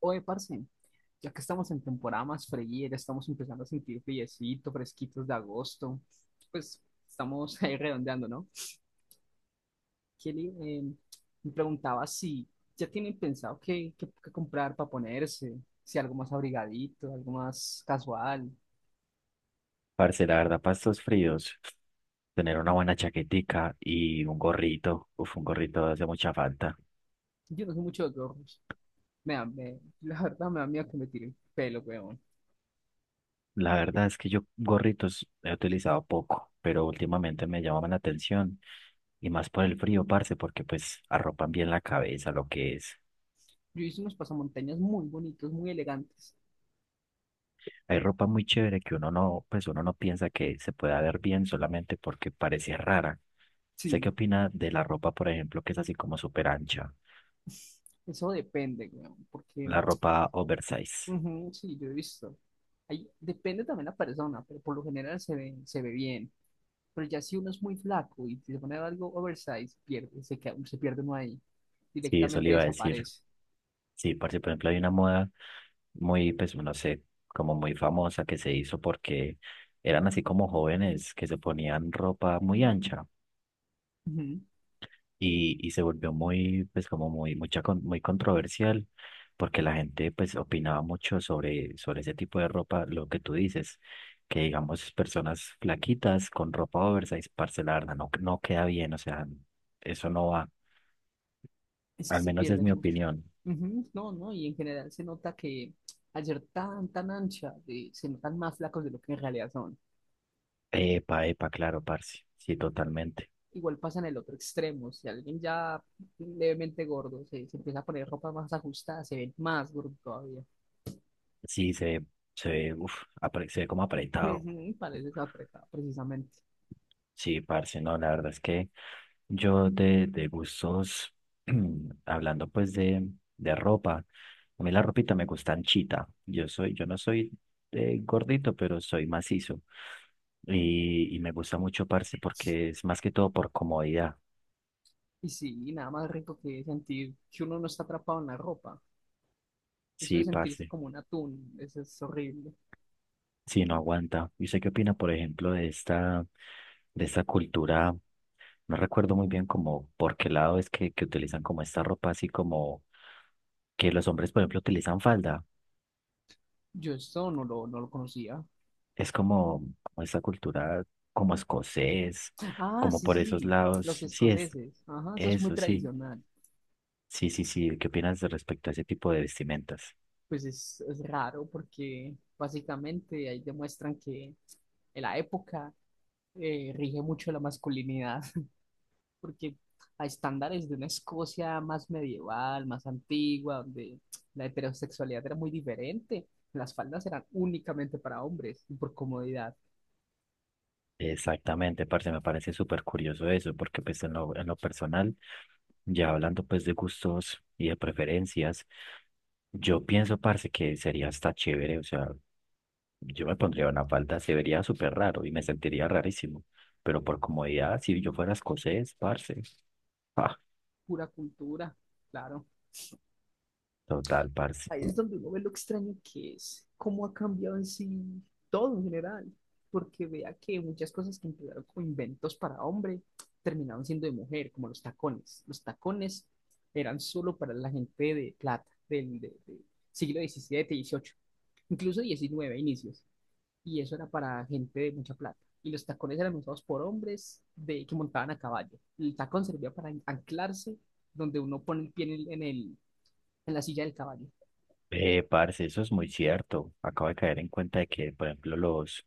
Oye, parce, ya que estamos en temporada más fría, ya estamos empezando a sentir friecito, fresquitos de agosto, pues estamos ahí redondeando, ¿no? Kelly, me preguntaba si ya tienen pensado qué comprar para ponerse, si algo más abrigadito, algo más casual. Parce, la verdad, para estos fríos, tener una buena chaquetica y un gorrito, uf, un gorrito hace mucha falta. Yo no sé mucho de gorros. La verdad me da miedo que me tire el pelo, weón. La verdad es que yo gorritos he utilizado poco, pero últimamente me llamaban la atención y más por el frío, parce, porque pues arropan bien la cabeza, lo que es. Yo hice unos pasamontañas muy bonitos, muy elegantes. Hay ropa muy chévere que uno no, pues uno no piensa que se pueda ver bien solamente porque parece rara. ¿Sé qué Sí, opina de la ropa, por ejemplo, que es así como súper ancha? eso depende, weón, porque... La ropa oversize. Ujú, sí, yo he visto. Ahí depende también la persona, pero por lo general se ve bien. Pero ya si uno es muy flaco y se pone algo oversize, pierde, se pierde uno ahí. Sí, eso le Directamente iba a decir. desaparece. Sí, parce, por ejemplo, hay una moda muy, pues, no sé, como muy famosa que se hizo porque eran así como jóvenes que se ponían ropa muy ancha Ujú. y se volvió muy, pues, como muy, mucha, muy controversial porque la gente, pues, opinaba mucho sobre, sobre ese tipo de ropa, lo que tú dices, que digamos, personas flaquitas con ropa oversize, parce, la verdad, no, no queda bien, o sea, eso no va, Es que al se menos es mi pierden mucho. opinión. Ujú. No, no, y en general se nota que al ser tan ancha, se notan más flacos de lo que en realidad son. Epa, epa, claro, parce, sí, totalmente. Igual pasa en el otro extremo. Si alguien ya levemente gordo se empieza a poner ropa más ajustada, se ve más gordo todavía. Sí, se ve, uf, se ve como apretado. Ujú. Pareces apretado, precisamente. Sí, parce, no, la verdad es que yo de gustos, hablando pues de ropa, a mí la ropita me gusta anchita. Yo soy, yo no soy gordito, pero soy macizo. Y me gusta mucho, parce, porque es más que todo por comodidad. Y sí, nada más rico que sentir que uno no está atrapado en la ropa. Eso de Sí, sentirse parce. como un atún, eso es horrible. Sí, no aguanta. ¿Y usted qué opina, por ejemplo, de esta cultura? No recuerdo muy bien como por qué lado es que utilizan como esta ropa así como que los hombres, por ejemplo, utilizan falda. Yo esto no lo conocía. Es como, como esta cultura como escocés, Ah, como sí, por sí, esos sí, lados. los Sí, es escoceses. Ajá, eso es muy eso, sí. tradicional. Sí, sí, sí. ¿Qué opinas de respecto a ese tipo de vestimentas? Pues es raro porque básicamente ahí demuestran que en la época rige mucho la masculinidad. Porque a estándares de una Escocia más medieval, más antigua, donde la heterosexualidad era muy diferente, las faldas eran únicamente para hombres y por comodidad, Exactamente, parce, me parece súper curioso eso, porque pues en lo personal, ya hablando pues de gustos y de preferencias, yo pienso, parce, que sería hasta chévere, o sea, yo me pondría una falda, se vería súper raro y me sentiría rarísimo. Pero por comodidad, si yo fuera escocés, parce. Ah, pura cultura, claro. total, parce. Ahí es donde uno ve lo extraño que es, cómo ha cambiado en sí todo en general, porque vea que muchas cosas que empezaron como inventos para hombre terminaron siendo de mujer, como los tacones. Los tacones eran solo para la gente de plata, del de siglo XVII y XVIII, incluso XIX inicios. Y eso era para gente de mucha plata. Y los tacones eran usados por hombres que montaban a caballo. El tacón servía para anclarse donde uno pone el pie en la silla del caballo. Parce, eso es muy cierto. Acabo de caer en cuenta de que, por ejemplo, los,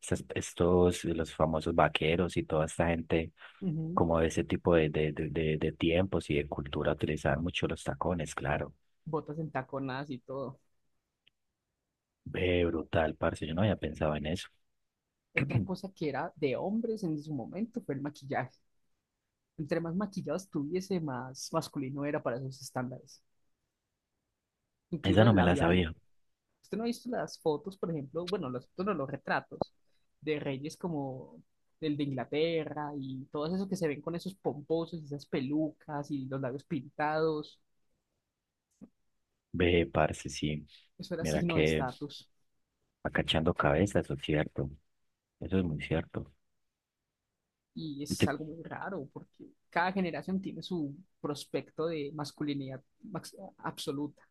estos, los famosos vaqueros y toda esta gente, Ujú. como de ese tipo de tiempos y de cultura, utilizaban mucho los tacones, claro. Botas entaconadas y todo. Ve, brutal, parce, yo no había pensado en eso. Otra cosa que era de hombres en su momento fue el maquillaje. Entre más maquillado estuviese, más masculino era para esos estándares. Incluso Esa no el me la labial... sabía. Usted no ha visto las fotos, por ejemplo, bueno, las fotos no, los retratos de reyes como el de Inglaterra y todos esos que se ven con esos pomposos y esas pelucas y los labios pintados. Ve, parce, sí. Eso era Mira signo de que. estatus Acachando cabezas, eso es cierto. Eso es muy cierto. y Y, es te- algo muy raro porque cada generación tiene su prospecto de absoluta.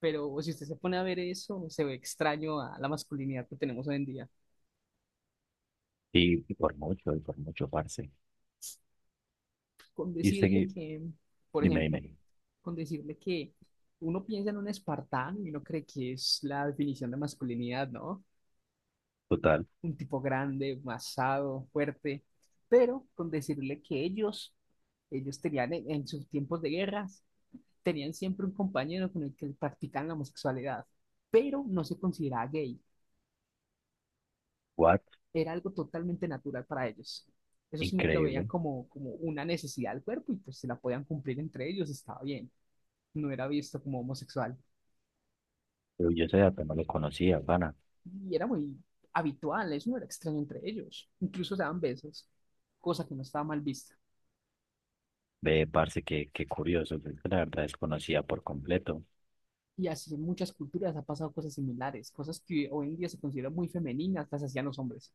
Pero si usted se pone a ver eso, se ve extraño a la masculinidad que tenemos hoy en día. Y por mucho, parce. Con Y usted, decirle que, por dime, ejemplo, dime. con decirle que uno piensa en un espartano y uno cree que es la definición de masculinidad, ¿no? Total, Un tipo grande, masado, fuerte, pero con decirle que ellos tenían en sus tiempos de guerras, tenían siempre un compañero con el que practicaban la homosexualidad, pero no se consideraba gay, what? era algo totalmente natural para ellos. Eso simplemente lo veían Increíble. como, como una necesidad del cuerpo y pues se la podían cumplir entre ellos, estaba bien, no era visto como homosexual Pero yo ese dato no lo conocía, pana. y era muy habitual, eso no era extraño entre ellos. Incluso se daban besos, cosa que no estaba mal vista. Ve, parce, qué, qué curioso. Yo la verdad desconocía por completo. Y así en muchas culturas ha pasado cosas similares, cosas que hoy en día se consideran muy femeninas, las hacían los hombres,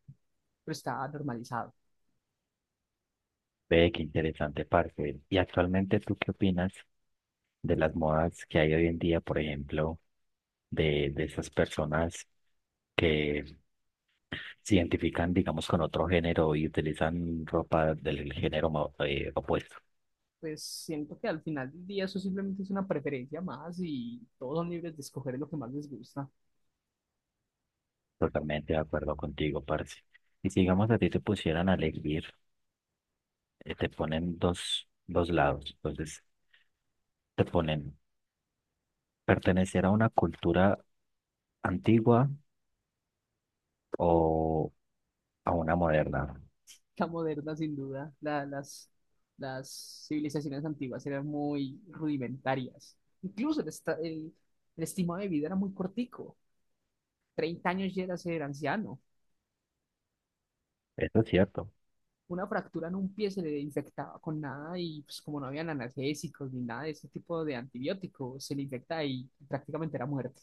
pero está normalizado. Ve, qué interesante, parce. Y actualmente, ¿tú qué opinas de las modas que hay hoy en día, por ejemplo, de esas personas que se identifican, digamos, con otro género y utilizan ropa del género opuesto? Pues siento que al final del día eso simplemente es una preferencia más y todos son libres de escoger lo que más les gusta. Totalmente de acuerdo contigo, parce. Y si, digamos, a ti te pusieran a elegir, te ponen dos, dos lados. Entonces, te ponen pertenecer a una cultura antigua o a una moderna. La moderna, sin duda. Las civilizaciones antiguas eran muy rudimentarias. Incluso el estimado de vida era muy cortico. 30 años ya era ser anciano. Eso es cierto. Una fractura en un pie se le infectaba con nada y pues como no habían analgésicos ni nada de ese tipo de antibióticos, se le infecta y prácticamente era muerte.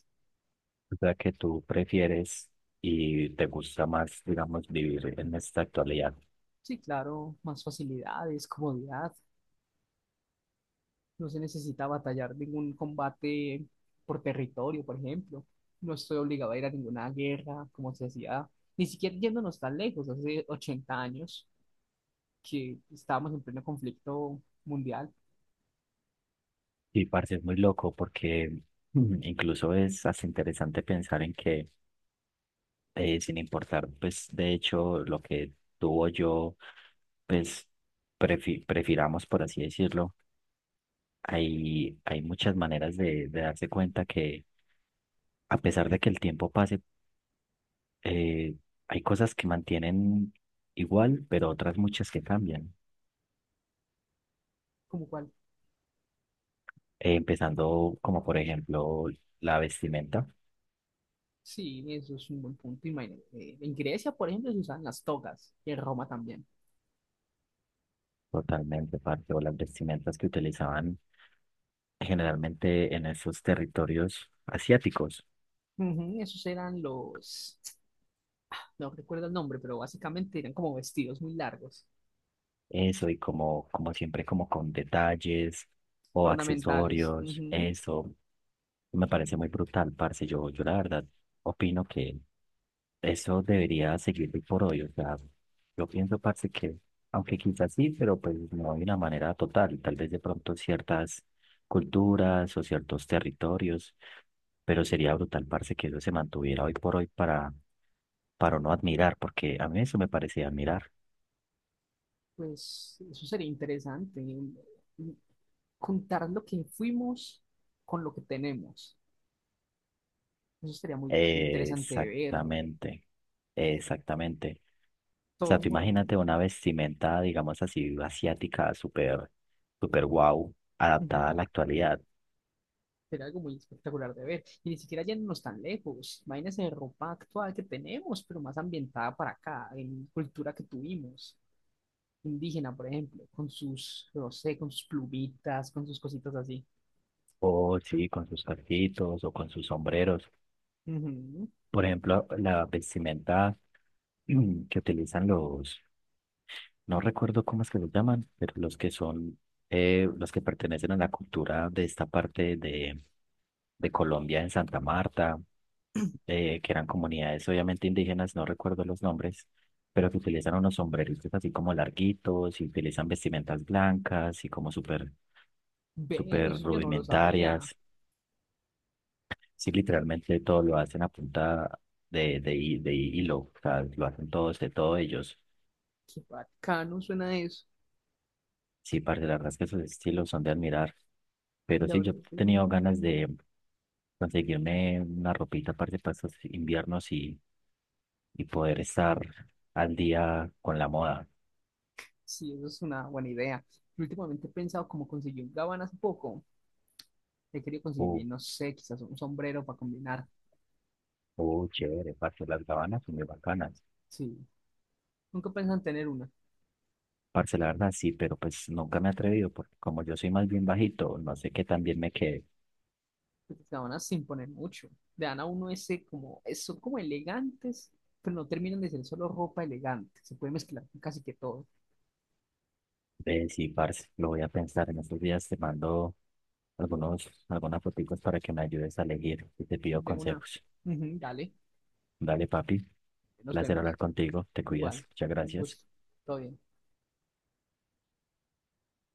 O sea, que tú prefieres y te gusta más, digamos, vivir en esta actualidad. Sí, claro, más facilidades, comodidad. No se necesita batallar ningún combate por territorio, por ejemplo. No estoy obligado a ir a ninguna guerra, como se hacía, ni siquiera yéndonos tan lejos, hace 80 años que estábamos en pleno conflicto mundial. Sí, parce, es muy loco porque incluso es hasta interesante pensar en que sin importar, pues de hecho lo que tú o yo, pues prefiramos, por así decirlo, hay muchas maneras de darse cuenta que a pesar de que el tiempo pase, eh, hay cosas que mantienen igual, pero otras muchas que cambian. ¿Como cual. Empezando como por ejemplo la vestimenta. Sí, eso es un buen punto. Imagínate, en Grecia, por ejemplo, se usaban las togas, y en Roma también. Totalmente, parte o las vestimentas que utilizaban generalmente en esos territorios asiáticos. Ujú, esos eran los, no recuerdo el nombre, pero básicamente eran como vestidos muy largos, Eso, y como, como siempre, como con detalles o ornamentales. accesorios, Ujú. eso me parece muy brutal, parce. Yo la verdad opino que eso debería seguir hoy por hoy. O sea, yo pienso, parce, que aunque quizás sí, pero pues no de una manera total. Tal vez de pronto ciertas culturas o ciertos territorios, pero sería brutal, parce, que eso se mantuviera hoy por hoy para no admirar, porque a mí eso me parecía admirar. Pues eso sería interesante, mm, contar lo que fuimos con lo que tenemos. Eso sería muy interesante de ver, Exactamente, exactamente. O todo sea, un tú movimiento. imagínate una vestimenta, digamos así, asiática, súper, súper guau, adaptada Ujú. a la actualidad. Sería algo muy espectacular de ver. Y ni siquiera yéndonos tan lejos. Imagínense ropa actual que tenemos, pero más ambientada para acá, en cultura que tuvimos. Indígena, por ejemplo, con sus, no sé, con sus plumitas, con sus cositas así. O sí, con sus casquitos o con sus sombreros. Ujú. Por ejemplo, la vestimenta que utilizan los, no recuerdo cómo es que los llaman, pero los que son, los que pertenecen a la cultura de esta parte de Colombia, en Santa Marta, que eran comunidades obviamente indígenas, no recuerdo los nombres, pero que utilizan unos sombreritos así como larguitos y utilizan vestimentas blancas y como súper, Ve, súper eso yo no lo sabía. rudimentarias. Sí, literalmente todo lo hacen a punta de, de hilo, o sea, lo hacen todos de todo ellos. Qué bacano suena eso. Sí, parce, la verdad es que esos estilos son de admirar. Pero La sí, verdad yo he es que sí. tenido ganas de conseguirme una ropita, parce, para estos inviernos y poder estar al día con la moda. Sí, eso es una buena idea. Yo últimamente he pensado como conseguir un gabán hace poco. He querido Uh, conseguir, no sé, quizás un sombrero para combinar. Chévere, parce, las gabanas son muy bacanas. Sí. Nunca pensan tener una. Parce, la verdad sí, pero pues nunca me he atrevido, porque como yo soy más bien bajito, no sé qué tan bien me quede. Porque gabanas sin poner mucho. Le dan a uno ese como, son como elegantes, pero no terminan de ser solo ropa elegante. Se puede mezclar con casi que todo. Sí, parce, lo voy a pensar. En estos días te mando algunos, algunas fotitos para que me ayudes a elegir y te pido De una. consejos. Ujú, dale, Dale, papi. nos Placer vemos. hablar contigo. Te cuidas. Igual. Muchas Un gracias. gusto. Todo bien.